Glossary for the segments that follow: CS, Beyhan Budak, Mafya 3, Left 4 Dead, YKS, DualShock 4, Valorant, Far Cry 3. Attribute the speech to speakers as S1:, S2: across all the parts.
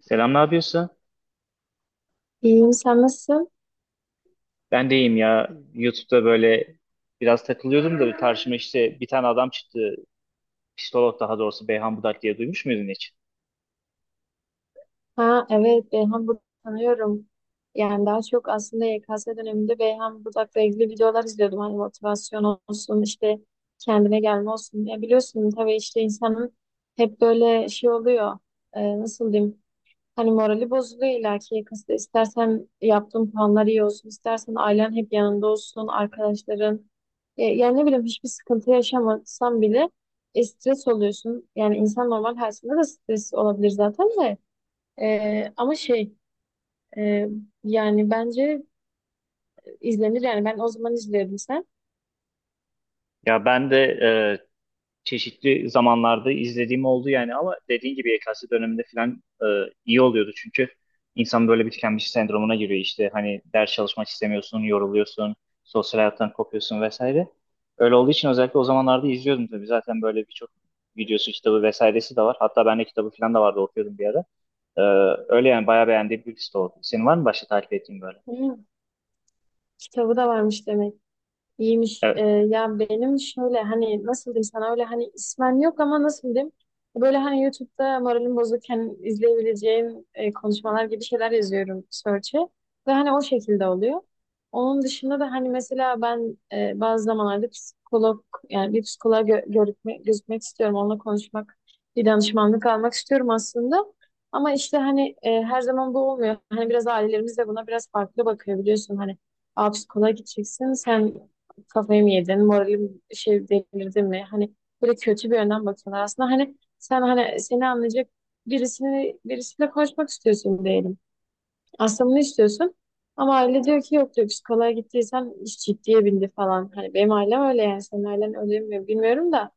S1: Selam, ne yapıyorsun?
S2: İyiyim, sen nasılsın?
S1: Ben de iyiyim ya. YouTube'da böyle biraz takılıyordum da karşıma işte bir tane adam çıktı. Psikolog daha doğrusu Beyhan Budak diye duymuş muydun hiç?
S2: Ha evet, Beyhan Budak'ı tanıyorum. Yani daha çok aslında YKS döneminde Beyhan Budak'la ilgili videolar izliyordum. Hani motivasyon olsun, işte kendine gelme olsun. Ya biliyorsun tabii işte insanın hep böyle şey oluyor. Nasıl diyeyim? Hani morali bozuluyor illaki yakasında. İstersen yaptığın planlar iyi olsun, istersen ailen hep yanında olsun, arkadaşların. Yani ne bileyim hiçbir sıkıntı yaşamasan bile stres oluyorsun. Yani insan normal hayatında da stres olabilir zaten de. Ama şey e, yani bence İzlenir yani ben o zaman izliyordum sen.
S1: Ya ben de çeşitli zamanlarda izlediğim oldu yani ama dediğin gibi YKS döneminde falan iyi oluyordu çünkü insan böyle bir tükenmiş sendromuna giriyor işte hani ders çalışmak istemiyorsun, yoruluyorsun, sosyal hayattan kopuyorsun vesaire. Öyle olduğu için özellikle o zamanlarda izliyordum tabii zaten böyle birçok videosu, kitabı vesairesi de var. Hatta ben de kitabı falan da vardı okuyordum bir ara. E, Öyle yani bayağı beğendiğim bir liste oldu. Senin var mı başka takip ettiğin böyle?
S2: Hı, kitabı da varmış demek. İyiymiş.
S1: Evet.
S2: Ya benim şöyle hani nasıl diyeyim sana öyle hani ismen yok ama nasıl diyeyim böyle hani YouTube'da moralim bozukken izleyebileceğim konuşmalar gibi şeyler yazıyorum search'e ve hani o şekilde oluyor. Onun dışında da hani mesela ben bazı zamanlarda psikolog yani bir psikoloğa gözükmek istiyorum. Onunla konuşmak, bir danışmanlık almak istiyorum aslında. Ama işte hani her zaman bu olmuyor. Hani biraz ailelerimiz de buna biraz farklı bakıyor biliyorsun. Hani aa, psikoloğa gideceksin. Sen kafayı mı yedin, moralim şey delirdi mi? Hani böyle kötü bir yönden bakıyorlar. Aslında hani sen hani seni anlayacak birisiyle konuşmak istiyorsun diyelim. Aslında bunu istiyorsun. Ama aile diyor ki yok diyor psikoloğa gittiysen iş ciddiye bindi falan. Hani benim ailem öyle yani senin ailen öyle mi bilmiyorum da.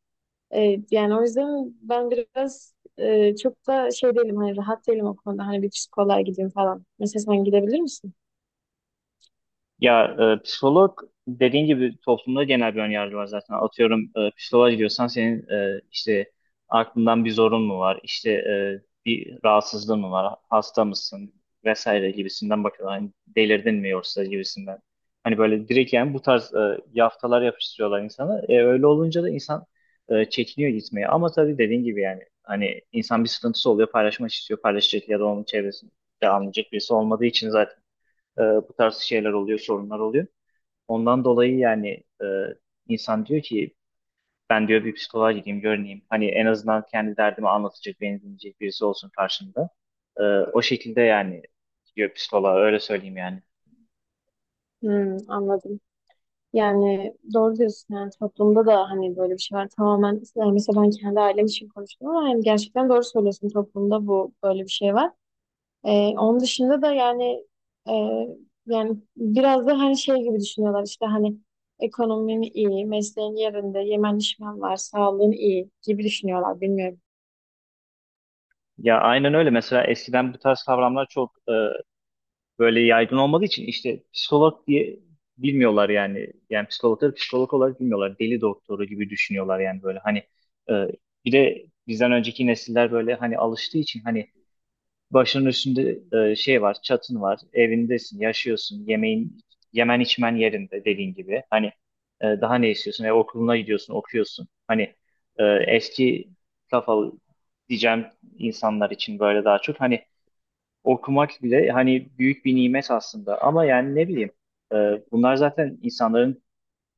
S2: Yani o yüzden ben biraz çok da şey değilim hani rahat değilim o konuda. Hani bir psikoloğa gideyim falan. Mesela sen gidebilir misin?
S1: Ya psikolog dediğin gibi toplumda genel bir önyargı var zaten. Atıyorum psikoloğa gidiyorsan senin işte aklından bir zorun mu var? İşte bir rahatsızlığın mı var? Hasta mısın? Vesaire gibisinden bakıyorlar. Hani delirdin mi yoksa gibisinden. Hani böyle direkt yani bu tarz yaftalar yapıştırıyorlar insana. Öyle olunca da insan çekiniyor gitmeye. Ama tabii dediğin gibi yani hani insan bir sıkıntısı oluyor paylaşmak istiyor. Paylaşacak ya da onun çevresinde anlayacak birisi olmadığı için zaten bu tarz şeyler oluyor, sorunlar oluyor. Ondan dolayı yani e, insan diyor ki ben diyor bir psikoloğa gideyim, görüneyim. Hani en azından kendi derdimi anlatacak, beni dinleyecek birisi olsun karşımda. O şekilde yani gidiyor psikoloğa, öyle söyleyeyim yani.
S2: Hmm, anladım. Yani doğru diyorsun yani toplumda da hani böyle bir şey var tamamen yani mesela ben kendi ailem için konuştum ama yani gerçekten doğru söylüyorsun toplumda bu böyle bir şey var. Ee, Onun dışında da yani e, yani biraz da hani şey gibi düşünüyorlar işte hani ekonomin iyi, mesleğin yerinde, yemen içmen var, sağlığın iyi gibi düşünüyorlar bilmiyorum.
S1: Ya aynen öyle. Mesela eskiden bu tarz kavramlar çok böyle yaygın olmadığı için işte psikolog diye bilmiyorlar yani. Yani psikologları psikolog olarak bilmiyorlar. Deli doktoru gibi düşünüyorlar yani böyle. Hani e, bir de bizden önceki nesiller böyle hani alıştığı için hani başının üstünde şey var, çatın var, evindesin, yaşıyorsun, yemeğin, yemen içmen yerinde dediğin gibi. Hani daha ne istiyorsun? Okuluna gidiyorsun, okuyorsun. Hani eski kafalı diyeceğim insanlar için böyle daha çok. Hani okumak bile hani büyük bir nimet aslında. Ama yani ne bileyim, e, bunlar zaten insanların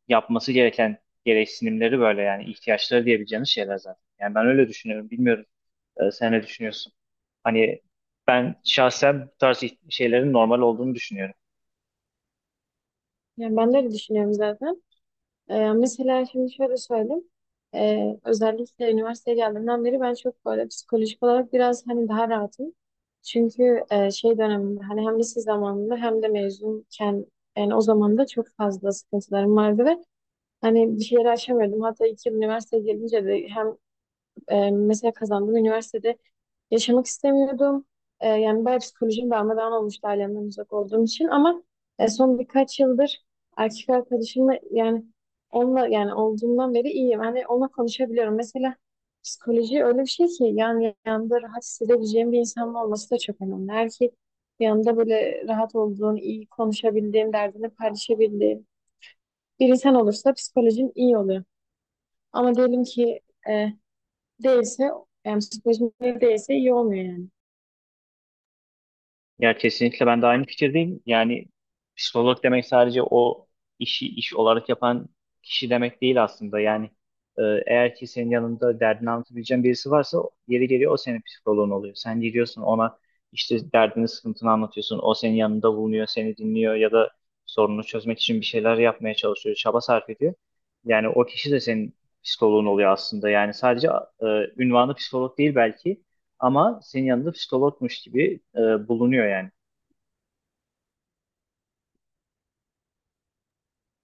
S1: yapması gereken gereksinimleri böyle yani ihtiyaçları diyebileceğiniz şeyler zaten. Yani ben öyle düşünüyorum. Bilmiyorum. Sen ne düşünüyorsun? Hani ben şahsen bu tarz şeylerin normal olduğunu düşünüyorum.
S2: Yani ben de öyle düşünüyorum zaten. Mesela şimdi şöyle söyleyeyim. Özellikle üniversiteye geldiğimden beri ben çok böyle psikolojik olarak biraz hani daha rahatım. Çünkü şey döneminde hani hem lise zamanında hem de mezunken yani o zaman da çok fazla sıkıntılarım vardı ve hani bir şeyleri aşamıyordum. Hatta iki yıl üniversiteye gelince de hem mesela kazandığım üniversitede yaşamak istemiyordum. Yani bayağı psikolojim darmadağın olmuştu ailemden uzak olduğum için ama son birkaç yıldır erkek arkadaşımla yani onunla yani olduğumdan beri iyiyim. Hani onunla konuşabiliyorum. Mesela psikoloji öyle bir şey ki yani yanında rahat hissedebileceğim bir insanın olması da çok önemli. Erkek yanında böyle rahat olduğun, iyi konuşabildiğin, derdini paylaşabildiğin bir insan olursa psikolojin iyi oluyor. Ama diyelim ki e, değilse yani psikolojin iyi değilse iyi olmuyor yani.
S1: Ya kesinlikle ben de aynı fikirdeyim. Yani psikolog demek sadece o işi iş olarak yapan kişi demek değil aslında. Yani e, eğer ki senin yanında derdini anlatabileceğin birisi varsa yeri geliyor o senin psikoloğun oluyor. Sen gidiyorsun ona işte derdini sıkıntını anlatıyorsun. O senin yanında bulunuyor, seni dinliyor ya da sorununu çözmek için bir şeyler yapmaya çalışıyor, çaba sarf ediyor. Yani o kişi de senin psikoloğun oluyor aslında. Yani sadece e, ünvanı psikolog değil belki. Ama senin yanında psikologmuş gibi bulunuyor yani.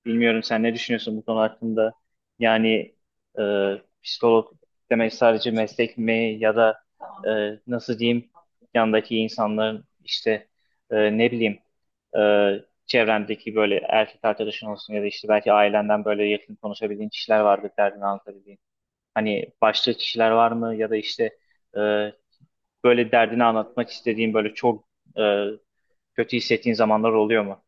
S1: Bilmiyorum sen ne düşünüyorsun bu konu hakkında? Yani e, psikolog demek sadece meslek mi ya da e,
S2: Tamam.
S1: nasıl diyeyim yandaki insanların işte ne bileyim e, çevrendeki böyle erkek arkadaşın olsun ya da işte belki ailenden böyle yakın konuşabildiğin kişiler vardır derdini anlatabildiğin. Hani başka kişiler var mı ya da işte e, böyle derdini anlatmak istediğin böyle çok e, kötü hissettiğin zamanlar oluyor mu?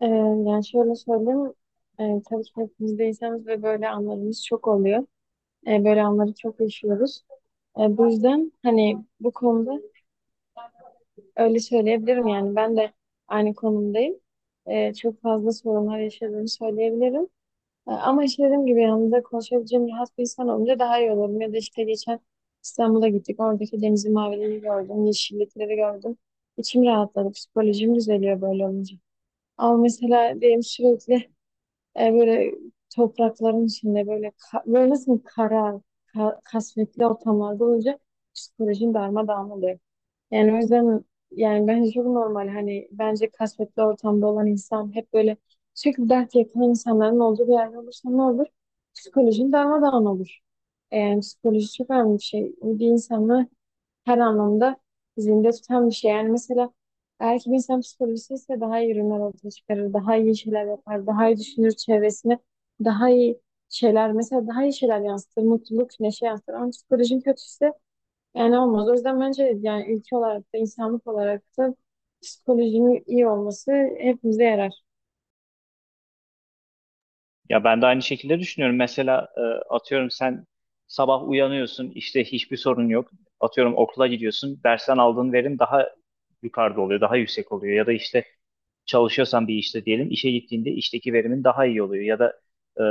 S2: Ee, Yani şöyle söyleyeyim, çalışma ekibideyseniz ve böyle anlarımız çok oluyor. Böyle anları çok yaşıyoruz. Bu yüzden hani bu konuda öyle söyleyebilirim yani ben de aynı konumdayım. Çok fazla sorunlar yaşadığımı söyleyebilirim. Ama işte dediğim gibi yanımda konuşabileceğim rahat bir insan olunca daha iyi olurum. Ya da işte geçen İstanbul'a gittik. Oradaki denizin maviliğini gördüm. Yeşillikleri gördüm. İçim rahatladı. Psikolojim düzeliyor böyle olunca. Ama mesela benim sürekli böyle toprakların içinde böyle böyle nasıl kara, kasvetli ortamlarda olunca psikolojim darmadağın oluyor. Yani o yüzden yani bence çok normal. Hani bence kasvetli ortamda olan insan hep böyle sürekli dert yakın insanların olduğu bir yerde olursa ne olur? Psikolojin darmadağın olur. Yani psikoloji çok önemli bir şey. Bir insanı her anlamda zinde tutan bir şey. Yani mesela eğer ki bir insan psikolojisi ise daha iyi ürünler ortaya çıkarır, daha iyi şeyler yapar, daha iyi düşünür çevresine, daha iyi şeyler mesela daha iyi şeyler yansıtır, mutluluk, neşe yansıtır. Ama psikolojin kötüyse yani olmaz. O yüzden bence yani ülke olarak da insanlık olarak da psikolojinin iyi olması hepimize yarar.
S1: Ya ben de aynı şekilde düşünüyorum. Mesela atıyorum sen sabah uyanıyorsun, işte hiçbir sorun yok. Atıyorum okula gidiyorsun, dersten aldığın verim daha yukarıda oluyor, daha yüksek oluyor. Ya da işte çalışıyorsan bir işte diyelim, işe gittiğinde işteki verimin daha iyi oluyor. Ya da e,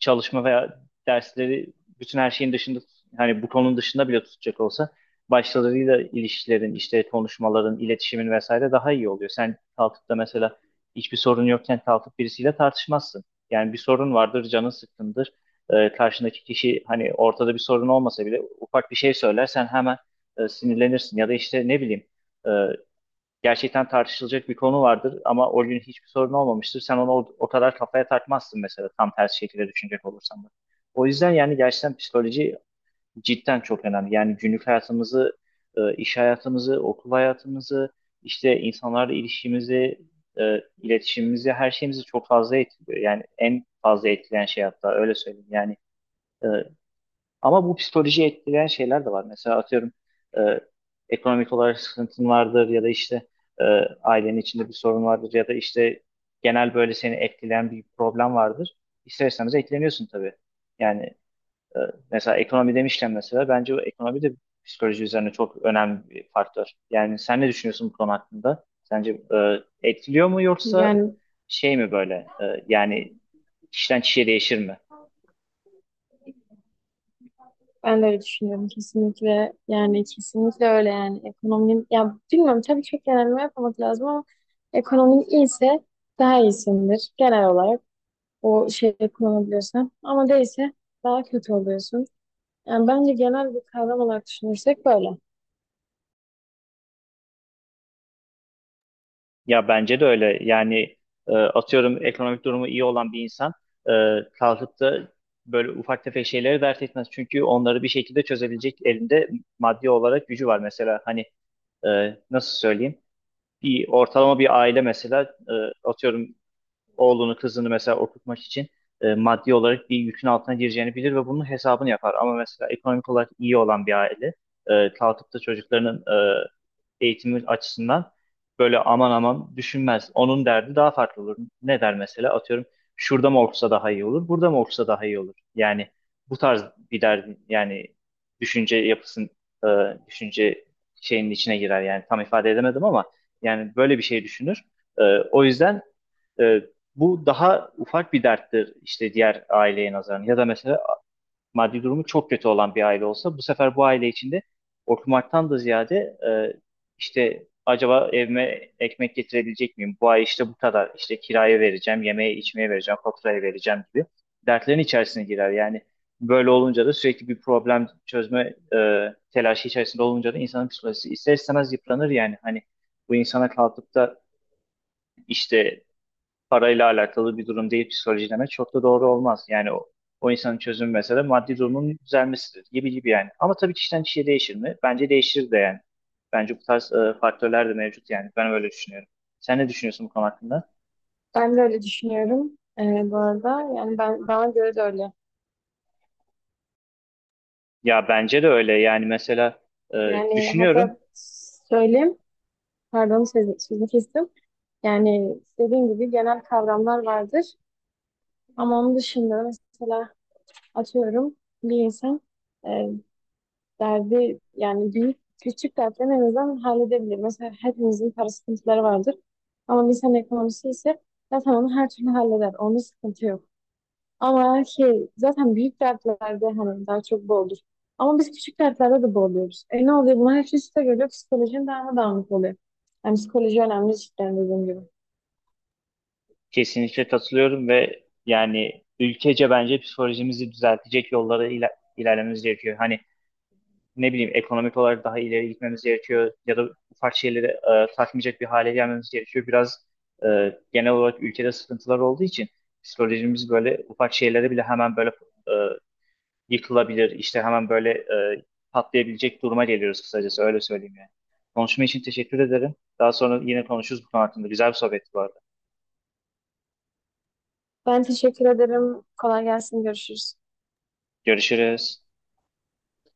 S1: çalışma veya dersleri bütün her şeyin dışında, hani bu konunun dışında bile tutacak olsa başkalarıyla ilişkilerin, işte konuşmaların, iletişimin vesaire daha iyi oluyor. Sen kalkıp da mesela hiçbir sorun yokken kalkıp birisiyle tartışmazsın. Yani bir sorun vardır, canın sıkkındır. Karşındaki kişi hani ortada bir sorun olmasa bile ufak bir şey söyler, sen hemen sinirlenirsin. Ya da işte ne bileyim e, gerçekten tartışılacak bir konu vardır ama o gün hiçbir sorun olmamıştır. Sen onu o kadar kafaya takmazsın mesela tam tersi şekilde düşünecek olursan da. O yüzden yani gerçekten psikoloji cidden çok önemli. Yani günlük hayatımızı, iş hayatımızı, okul hayatımızı, işte insanlarla ilişkimizi, iletişimimizi, her şeyimizi çok fazla etkiliyor. Yani en fazla etkileyen şey hatta öyle söyleyeyim. Yani e, ama bu psikolojiyi etkileyen şeyler de var. Mesela atıyorum e, ekonomik olarak sıkıntın vardır ya da işte e, ailenin içinde bir sorun vardır ya da işte genel böyle seni etkileyen bir problem vardır. İster istemez etkileniyorsun tabii. Yani e, mesela ekonomi demişken mesela bence o ekonomi de psikoloji üzerine çok önemli bir faktör. Yani sen ne düşünüyorsun bu konu hakkında? Sence etkiliyor mu yoksa
S2: Yani
S1: şey mi böyle yani kişiden kişiye değişir mi?
S2: ben de öyle düşünüyorum kesinlikle. Yani kesinlikle öyle yani ekonominin ya bilmiyorum tabii çok genelleme yapmamak lazım ama ekonominin iyiyse daha iyisindir genel olarak o şeyi kullanabiliyorsan ama değilse daha kötü oluyorsun. Yani bence genel bir kavram olarak düşünürsek böyle.
S1: Ya bence de öyle. Yani atıyorum ekonomik durumu iyi olan bir insan e, kalkıp da böyle ufak tefek şeyleri dert etmez. Çünkü onları bir şekilde çözebilecek elinde maddi olarak gücü var. Mesela hani nasıl söyleyeyim? Bir ortalama bir aile mesela e, atıyorum oğlunu kızını mesela okutmak için maddi olarak bir yükün altına gireceğini bilir ve bunun hesabını yapar. Ama mesela ekonomik olarak iyi olan bir aile kalkıp da çocuklarının e, eğitimi açısından böyle aman aman düşünmez. Onun derdi daha farklı olur. Ne der mesela? Atıyorum şurada mı okusa daha iyi olur, burada mı okusa daha iyi olur. Yani bu tarz bir derdi yani düşünce yapısın e, düşünce şeyinin içine girer yani tam ifade edemedim ama yani böyle bir şey düşünür. E, O yüzden ee, bu daha ufak bir derttir işte diğer aileye nazaran. Ya da mesela maddi durumu çok kötü olan bir aile olsa bu sefer bu aile içinde okumaktan da ziyade e, işte acaba evime ekmek getirebilecek miyim? Bu ay işte bu kadar işte kiraya vereceğim, yemeğe içmeye vereceğim, faturaya vereceğim gibi dertlerin içerisine girer. Yani böyle olunca da sürekli bir problem çözme telaşı içerisinde olunca da insanın psikolojisi ister istemez yıpranır yani. Hani bu insana kalkıp da işte parayla alakalı bir durum değil psikoloji demek çok da doğru olmaz. Yani o insanın çözümü mesela maddi durumun düzelmesidir gibi gibi yani. Ama tabii kişiden kişiye değişir mi? Bence değişir de yani. Bence bu tarz faktörler de mevcut yani. Ben öyle düşünüyorum. Sen ne düşünüyorsun bu konu hakkında?
S2: Ben de öyle düşünüyorum. Bu arada yani ben bana göre de öyle.
S1: Ya bence de öyle yani mesela e,
S2: Yani
S1: düşünüyorum.
S2: hatta söyleyeyim, pardon sözü kestim. Yani dediğim gibi genel kavramlar vardır. Ama onun dışında mesela atıyorum bir insan e, derdi yani büyük küçük dertlerini en azından halledebilir. Mesela hepimizin para sıkıntıları vardır. Ama bir insan ekonomisi ise zaten onu her türlü halleder. Onda sıkıntı yok. Ama şey zaten büyük dertlerde hani daha çok boğulur. Ama biz küçük dertlerde de boğuluyoruz. E ne oluyor? Bunlar hepsi üste geliyor. Psikolojin daha da dağınık oluyor. Yani psikoloji önemli cidden dediğim gibi.
S1: Kesinlikle katılıyorum ve yani ülkece bence psikolojimizi düzeltecek yollara ilerlememiz gerekiyor. Hani ne bileyim ekonomik olarak daha ileri gitmemiz gerekiyor ya da ufak şeyleri takmayacak bir hale gelmemiz gerekiyor. Biraz genel olarak ülkede sıkıntılar olduğu için psikolojimiz böyle ufak şeylere bile hemen böyle e, yıkılabilir, işte hemen böyle patlayabilecek duruma geliyoruz kısacası öyle söyleyeyim yani. Konuşma için teşekkür ederim. Daha sonra yine konuşuruz bu konu hakkında. Güzel bir sohbetti bu arada.
S2: Ben teşekkür ederim. Kolay gelsin. Görüşürüz.
S1: Görüşürüz.